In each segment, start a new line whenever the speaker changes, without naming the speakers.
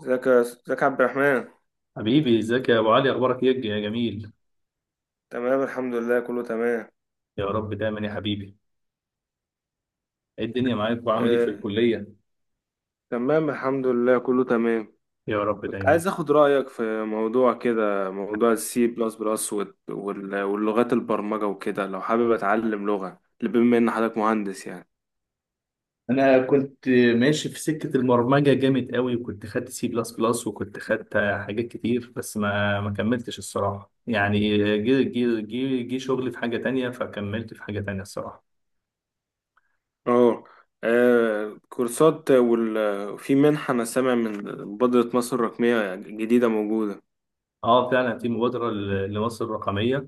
ازيك يا عبد الرحمن.
حبيبي، ازيك يا ابو علي؟ اخبارك ايه يا جميل؟
تمام، الحمد لله كله تمام.
يا رب دايما يا حبيبي. ايه الدنيا معاك وعامل ايه
آه،
في الكليه؟
تمام، الحمد لله كله تمام.
يا رب
كنت
دايما.
عايز اخد رأيك في موضوع كده، موضوع السي بلس بلس واللغات البرمجة وكده، لو حابب اتعلم لغة بما ان حضرتك مهندس يعني.
انا كنت ماشي في سكه البرمجه جامد قوي، وكنت خدت سي بلس بلس وكنت خدت حاجات كتير، بس ما كملتش الصراحه يعني. جه شغلي في حاجه تانية، فكملت في حاجه تانية الصراحه.
اه. كورسات في منحة انا سامع من مبادرة مصر الرقمية جديدة موجودة.
اه فعلا في مبادره لمصر الرقميه.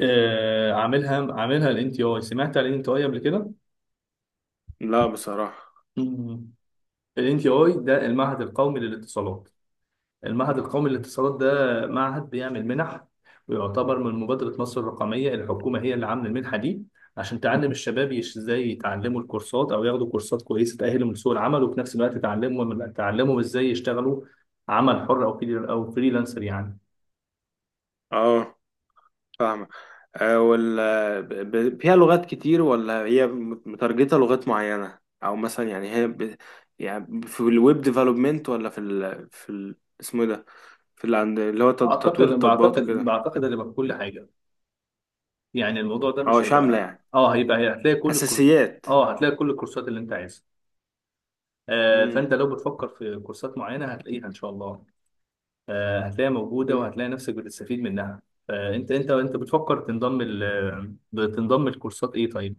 آه عاملها عاملها الان تي اي. سمعت عن الان تي اي قبل كده؟
لا بصراحة.
الان تي اي ده المعهد القومي للاتصالات. المعهد القومي للاتصالات ده معهد بيعمل منح، ويعتبر من مبادرة مصر الرقمية. الحكومة هي اللي عاملة المنحة دي عشان تعلم الشباب ازاي يتعلموا الكورسات، او ياخدوا كورسات كويسة تأهلهم لسوق العمل، وفي نفس الوقت تعلمهم ازاي يشتغلوا عمل حر، او او فريلانسر يعني.
اه، فاهمة. آه، وال فيها لغات كتير ولا هي متارجتة لغات معينة، أو مثلا يعني يعني في الويب ديفلوبمنت، ولا اسمه إيه ده؟ اللي هو
اعتقد
تطوير التطبيقات
بعتقد
وكده.
بعتقد هتبقى كل حاجة. يعني الموضوع ده
أو
مش
شاملة
هيبقى،
يعني،
هيبقى هتلاقي كل الكورس.
أساسيات.
اه، هتلاقي كل الكورسات اللي انت عايزها.
مم.
فانت لو بتفكر في كورسات معينة هتلاقيها ان شاء الله. هتلاقيها موجودة،
ب-
وهتلاقي نفسك بتستفيد منها. انت بتفكر تنضم تنضم لكورسات ايه طيب؟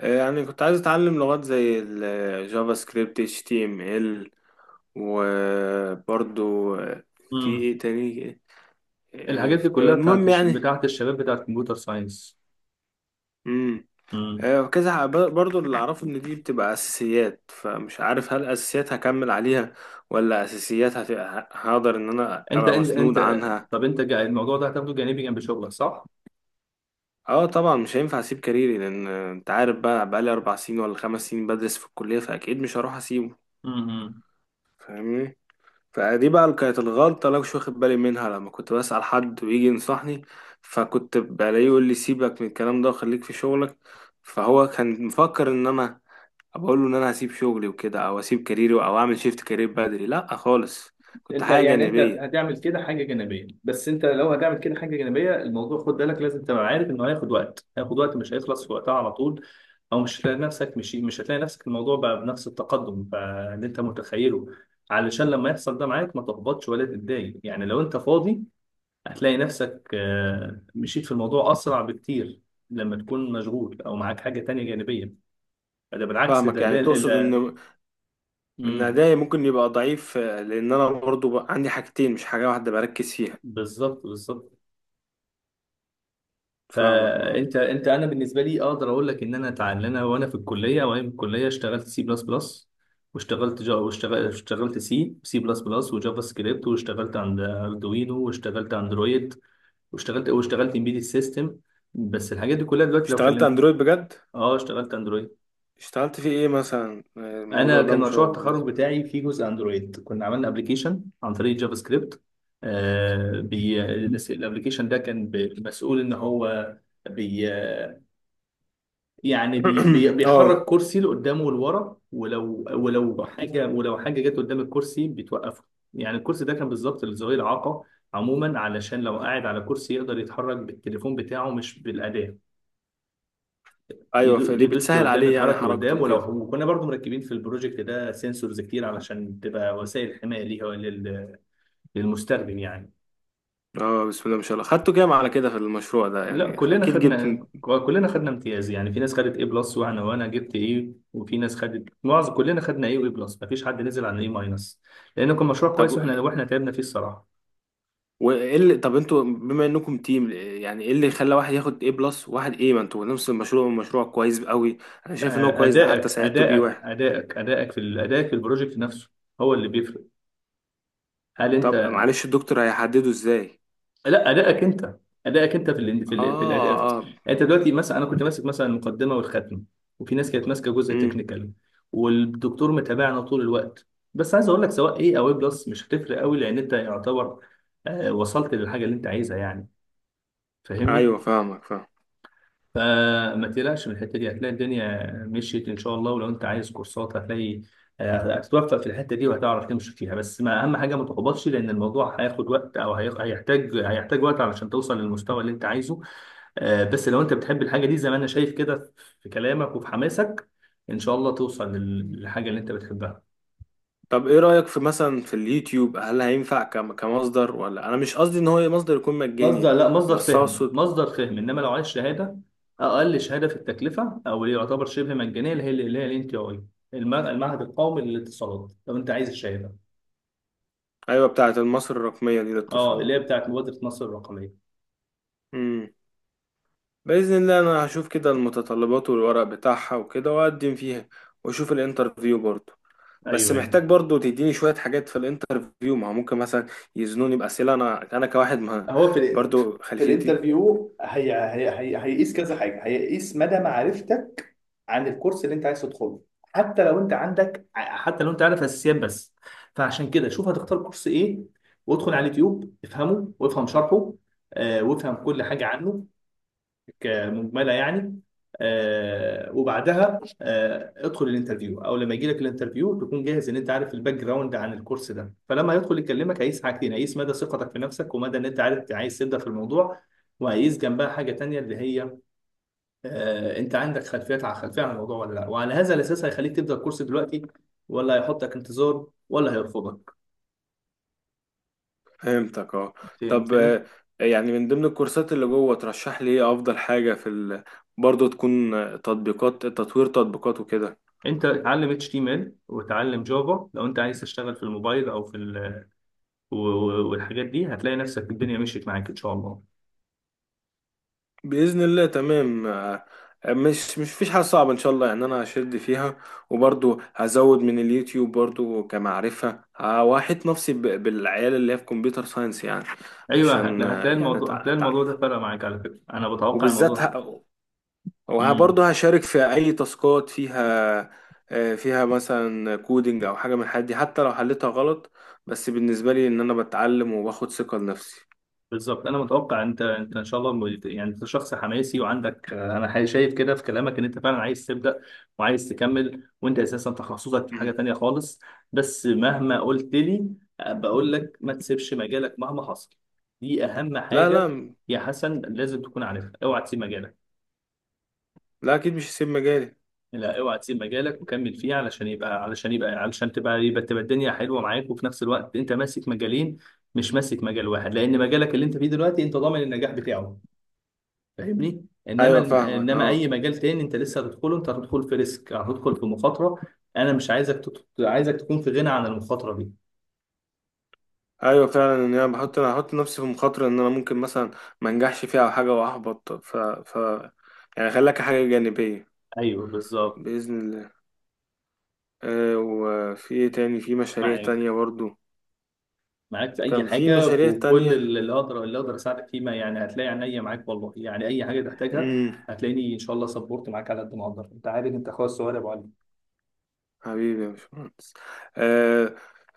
يعني كنت عايز أتعلم لغات زي الجافا سكريبت، HTML، وبرضو في
مم.
إيه تاني؟ آه،
الحاجات دي كلها
المهم يعني.
بتاعت الشباب، بتاعت كمبيوتر ساينس.
وكذا برضو اللي اعرفه ان دي بتبقى اساسيات، فمش عارف هل اساسيات هكمل عليها، ولا اساسيات هقدر ان انا
انت
ابقى
انت
مسنود
انت
عنها.
طب الموضوع ده هتاخده جانبي جنب شغلك صح؟
اه طبعا، مش هينفع اسيب كاريري، لان انت عارف بقى، بقالي 4 سنين ولا 5 سنين بدرس في الكلية، فاكيد مش هروح اسيبه.
مم.
فاهمني. فدي بقى اللي كانت الغلطة اللي أنا مش واخد بالي منها، لما كنت بسأل حد ويجي ينصحني، فكنت بلاقيه يقول لي سيبك من الكلام ده وخليك في شغلك. فهو كان مفكر ان انا بقول له ان انا هسيب شغلي وكده، او هسيب كاريري، او اعمل شيفت كارير بدري. لا خالص، كنت
انت
حاجه
يعني انت
جانبيه.
هتعمل كده حاجه جانبيه، بس انت لو هتعمل كده حاجه جانبيه، الموضوع خد بالك، لازم تبقى عارف انه هياخد وقت، هياخد وقت، مش هيخلص في وقتها على طول. او مش هتلاقي نفسك، مش هتلاقي نفسك الموضوع بقى بنفس التقدم بقى اللي انت متخيله. علشان لما يحصل ده معاك ما تحبطش ولا تتضايق. يعني لو انت فاضي هتلاقي نفسك مشيت في الموضوع اسرع بكتير. لما تكون مشغول او معاك حاجه تانية جانبيه، ده بالعكس، ده
فاهمك، يعني
اللي
تقصد
ده.
ان
مم.
ادائي ممكن يبقى ضعيف، لان انا برضو بقى عندي حاجتين مش حاجه واحده بركز فيها.
بالظبط، بالظبط.
فاهمك اه.
فانت انا بالنسبه لي اقدر اقول لك ان انا اتعلم، انا وانا في الكليه، وانا في الكليه اشتغلت سي بلس بلس، واشتغلت سي بلس بلس وجافا سكريبت، واشتغلت عند اردوينو، واشتغلت اندرويد، واشتغلت امبيدد سيستم. بس الحاجات دي كلها دلوقتي لو
اشتغلت
كلمت.
اندرويد بجد؟
اه، اشتغلت اندرويد.
اشتغلت في ايه مثلا؟
انا
الموضوع ده
كان مشروع
مشوق
التخرج
بالنسبه
بتاعي فيه جزء اندرويد، كنا عملنا ابلكيشن عن طريق جافا سكريبت. آه بي الابلكيشن ده كان مسؤول ان هو بي... يعني
لي.
بي بيحرك
اه.
كرسي لقدام ولورا، ولو حاجه جت قدام الكرسي بتوقفه. يعني الكرسي ده كان بالظبط لذوي الاعاقه عموما، علشان لو قاعد على كرسي يقدر يتحرك بالتليفون بتاعه مش بالاداه.
ايوه، فدي
يدوس
بتسهل
لقدام،
عليه يعني
يتحرك
حركته
لقدام،
وكده.
وكنا برضو مركبين في البروجكت ده سنسورز كتير علشان تبقى وسائل حمايه ليها للمستخدم يعني.
اه، بسم الله ما شاء الله، خدته كام على كده في المشروع ده
لا،
يعني؟
كلنا
اكيد جبت.
خدنا كلنا خدنا امتياز. يعني في ناس خدت ايه بلس، وانا جبت ايه، وفي ناس خدت معظم، كلنا خدنا ايه وايه بلس، مفيش حد نزل عن ايه ماينس، لان كان مشروع
طب،
كويس واحنا تعبنا فيه الصراحه.
وايه اللي طب انتوا بما انكم تيم، يعني ايه اللي خلى واحد ياخد A+ وواحد A؟ ما انتوا نفس المشروع، مشروع كويس قوي، انا شايف ان هو
آه،
كويس ده، حتى
ادائك
ساعدته بيه
ادائك
واحد.
ادائك ادائك في ال- ادائك في البروجكت نفسه هو اللي بيفرق. هل
طب
انت
معلش، الدكتور هيحدده ازاي؟
لا، ادائك انت في
اه.
الاداء يعني.
اه.
انت دلوقتي مثلا، انا كنت ماسك مثلا المقدمه والختم، وفي ناس كانت ماسكه جزء
امم.
تكنيكال، والدكتور متابعنا طول الوقت. بس عايز اقول لك سواء ايه او ايه بلس مش هتفرق قوي، لان انت يعتبر وصلت للحاجه اللي انت عايزها يعني، فاهمني؟
ايوه فاهمك، فاهم.
فما تقلقش من الحته دي، هتلاقي الدنيا مشيت ان شاء الله، ولو انت عايز كورسات هتلاقي. هتتوفق في الحته دي وهتعرف تمشي فيها. بس ما اهم حاجه ما تحبطش، لان الموضوع هياخد وقت، او هيحتاج وقت علشان توصل للمستوى اللي انت عايزه. بس لو انت بتحب الحاجه دي زي ما انا شايف كده في كلامك وفي حماسك، ان شاء الله توصل للحاجه اللي انت بتحبها.
طب ايه رأيك في مثلا في اليوتيوب، هل هينفع كمصدر؟ ولا انا مش قصدي ان هو مصدر يكون مجاني،
مصدر، لا، مصدر
بس
فهم،
اقصد.
مصدر فهم، انما لو عايز شهاده، اقل شهاده في التكلفه او اللي يعتبر شبه مجانيه، اللي هي اللي هي الان تي اي، المعهد القومي للاتصالات، لو انت عايز الشهاده.
ايوه، بتاعه مصر الرقمية دي
اه، اللي
للاتصالات.
هي بتاعت مبادره مصر الرقميه.
امم. بإذن الله انا هشوف كده المتطلبات والورق بتاعها وكده، واقدم فيها، واشوف الانترفيو برضه. بس
ايوه، ايوه.
محتاج برضو تديني شوية حاجات في الانترفيو، ما هو ممكن مثلا يزنوني بأسئلة أنا كواحد ما،
هو في
برضو،
في
خلفيتي.
الانترفيو هي هي هي هيقيس كذا حاجه، هيقيس مدى معرفتك عن الكورس اللي انت عايز تدخله. حتى لو انت عارف اساسيات بس، فعشان كده شوف هتختار كورس ايه، وادخل على اليوتيوب افهمه وافهم شرحه، وافهم كل حاجه عنه، مجمله يعني. وبعدها ادخل الانترفيو، او لما يجي لك الانترفيو تكون جاهز ان انت عارف الباك جراوند عن الكورس ده، فلما يدخل يكلمك هيقيس حاجتين: هيقيس مدى ثقتك في نفسك، ومدى ان انت عارف أنت عايز تبدا في الموضوع. وهيقيس جنبها حاجه تانية اللي هي انت عندك خلفيات، على خلفيه عن الموضوع ولا لا، وعلى هذا الاساس هيخليك تبدا الكورس دلوقتي، ولا هيحطك انتظار، ولا هيرفضك.
فهمتك اه. طب
فهمتني؟
يعني من ضمن الكورسات اللي جوه، ترشح لي إيه أفضل حاجة برضو تكون، تطوير تطبيقات وكده.
انت اتعلم اتش تي ام ال وتعلم جافا لو انت عايز تشتغل في الموبايل او في ال، والحاجات دي هتلاقي نفسك الدنيا مشيت معاك ان شاء الله.
بإذن الله، تمام. مش فيش حاجة صعبة إن شاء الله، يعني أنا هشد فيها، وبرضو هزود من اليوتيوب برضو كمعرفة، وأحيط نفسي بالعيال اللي هي في كمبيوتر ساينس يعني.
ايوه،
عشان
هتلاقي هتلاقي
يعني
الموضوع هتلاقي الموضوع ده
أتعرف،
فرق معاك على فكره، انا بتوقع الموضوع
وبالذات
ده.
وبرضو
امم.
هشارك في أي تاسكات فيها، فيها مثلا كودينج أو حاجة من الحاجات دي، حتى لو حلتها غلط، بس بالنسبة لي إن أنا بتعلم وباخد ثقة لنفسي.
بالظبط، انا متوقع انت ان شاء الله، يعني انت شخص حماسي، وعندك انا شايف كده في كلامك ان انت فعلا عايز تبدا، وعايز تكمل، وانت اساسا تخصصك في حاجه
مم.
تانيه خالص. بس مهما قلت لي، بقول لك ما تسيبش مجالك مهما حصل، دي اهم
لا،
حاجه
لا.
يا حسن، لازم تكون عارفها. اوعى تسيب مجالك.
لا أكيد مش هسيب مجالي.
لا، اوعى تسيب مجالك، وكمل فيه علشان تبقى الدنيا حلوه معاك، وفي نفس الوقت انت ماسك مجالين، مش ماسك مجال واحد، لان مجالك اللي انت فيه دلوقتي انت ضامن النجاح بتاعه، فاهمني؟
أيوة فاهمك
انما اي
أه.
مجال تاني انت لسه هتدخله، انت هتدخل في ريسك، هتدخل في مخاطره. انا مش عايزك عايزك تكون في غنى عن المخاطره دي.
ايوه فعلا، ان انا بحط انا هحط نفسي في مخاطره، ان انا ممكن مثلا ما انجحش فيها او حاجه واحبط، ف ف يعني خليك حاجه جانبيه.
ايوه بالظبط.
باذن الله. وفي ايه تاني، في مشاريع
معاك،
تانية برضو؟
معاك في اي
كان في
حاجه،
مشاريع
في كل
تانية.
اللي اقدر اساعدك فيه، ما يعني هتلاقي عينيا معاك والله، يعني اي حاجه تحتاجها
امم.
هتلاقيني ان شاء الله سبورت معاك على قد ما اقدر، انت عارف انت اخويا الصغير يا ابو علي.
حبيبي يا باشمهندس. آه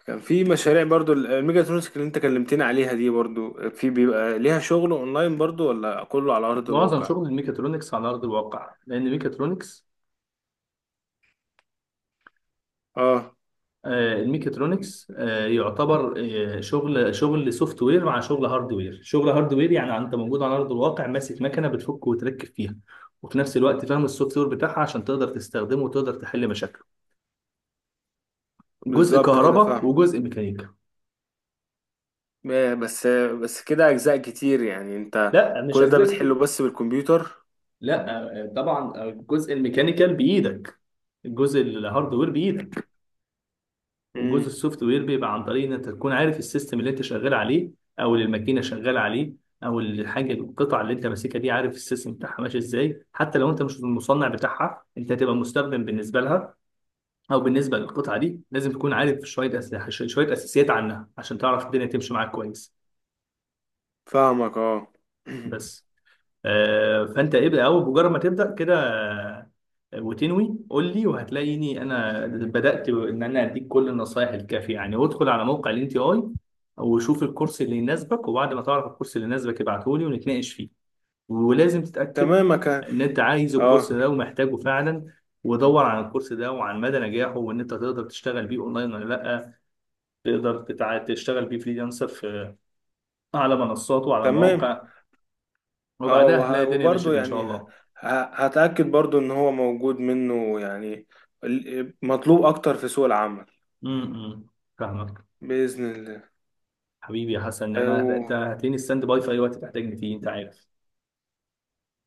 كان في مشاريع برضو الميجاترونكس اللي انت كلمتني عليها دي، برضو في بيبقى ليها شغل اونلاين برضو، ولا كله على ارض
معظم
الواقع؟
شغل الميكاترونكس على ارض الواقع، لان الميكاترونكس،
اه،
الميكاترونكس يعتبر شغل سوفت وير مع شغل هارد وير. شغل هارد وير يعني انت موجود على ارض الواقع ماسك مكنه بتفك وتركب فيها، وفي نفس الوقت فاهم السوفت وير بتاعها عشان تقدر تستخدمه وتقدر تحل مشاكله. جزء
بالظبط كده،
كهرباء
فاهم.
وجزء ميكانيكا.
بس بس كده اجزاء كتير، يعني انت
لا، مش
كل ده بتحله
اجزاء.
بس بالكمبيوتر؟
لا، طبعا الجزء الميكانيكال بايدك، الجزء الهاردوير بايدك، والجزء
امم.
السوفت وير بيبقى عن طريق ان انت تكون عارف السيستم اللي انت شغال عليه، او اللي الماكينه شغاله عليه، او الحاجه القطع اللي انت ماسكها دي، عارف السيستم بتاعها ماشي ازاي. حتى لو انت مش المصنع بتاعها، انت هتبقى مستخدم بالنسبه لها او بالنسبه للقطعه دي، لازم تكون عارف شويه شويه اساسيات عنها عشان تعرف الدنيا تمشي معاك كويس.
فاهمك اه.
بس فانت ابدا، اول مجرد ما تبدا كده وتنوي قول لي، وهتلاقيني انا بدات ان انا اديك كل النصائح الكافيه يعني. وادخل على موقع الان تي اي، وشوف الكورس اللي يناسبك، وبعد ما تعرف الكورس اللي يناسبك ابعته لي ونتناقش فيه، ولازم تتاكد
تمام
ان انت عايز الكورس
اه.
ده ومحتاجه فعلا، ودور عن الكورس ده وعن مدى نجاحه، وان انت تقدر تشتغل بيه اونلاين ولا لا، تقدر تشتغل بيه فريلانسر في، على منصات وعلى
تمام.
مواقع.
اه،
وبعدها هتلاقي الدنيا
وبرضه
مشيت ان شاء
يعني
الله.
هتأكد برضه ان هو موجود منه، يعني مطلوب اكتر في سوق العمل.
امم. فاهمك.
بإذن الله.
حبيبي يا حسن، انا انت
أيوه،
هتلاقيني ستاند باي في اي وقت تحتاجني فيه، انت عارف.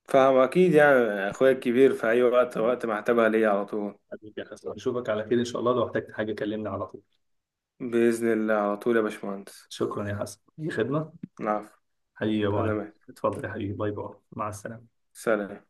فاهم اكيد يعني، اخويا الكبير، في اي وقت وقت ما احتاجها ليا على طول.
حبيبي يا حسن، اشوفك على خير ان شاء الله، لو احتجت حاجه كلمني على طول.
بإذن الله على طول يا باشمهندس.
شكرا يا حسن، اي خدمه.
نعم.
حبيبي يا ابو علي،
تمام.
اتفضل يا حبيبي، باي باي، مع السلامه.
سلام.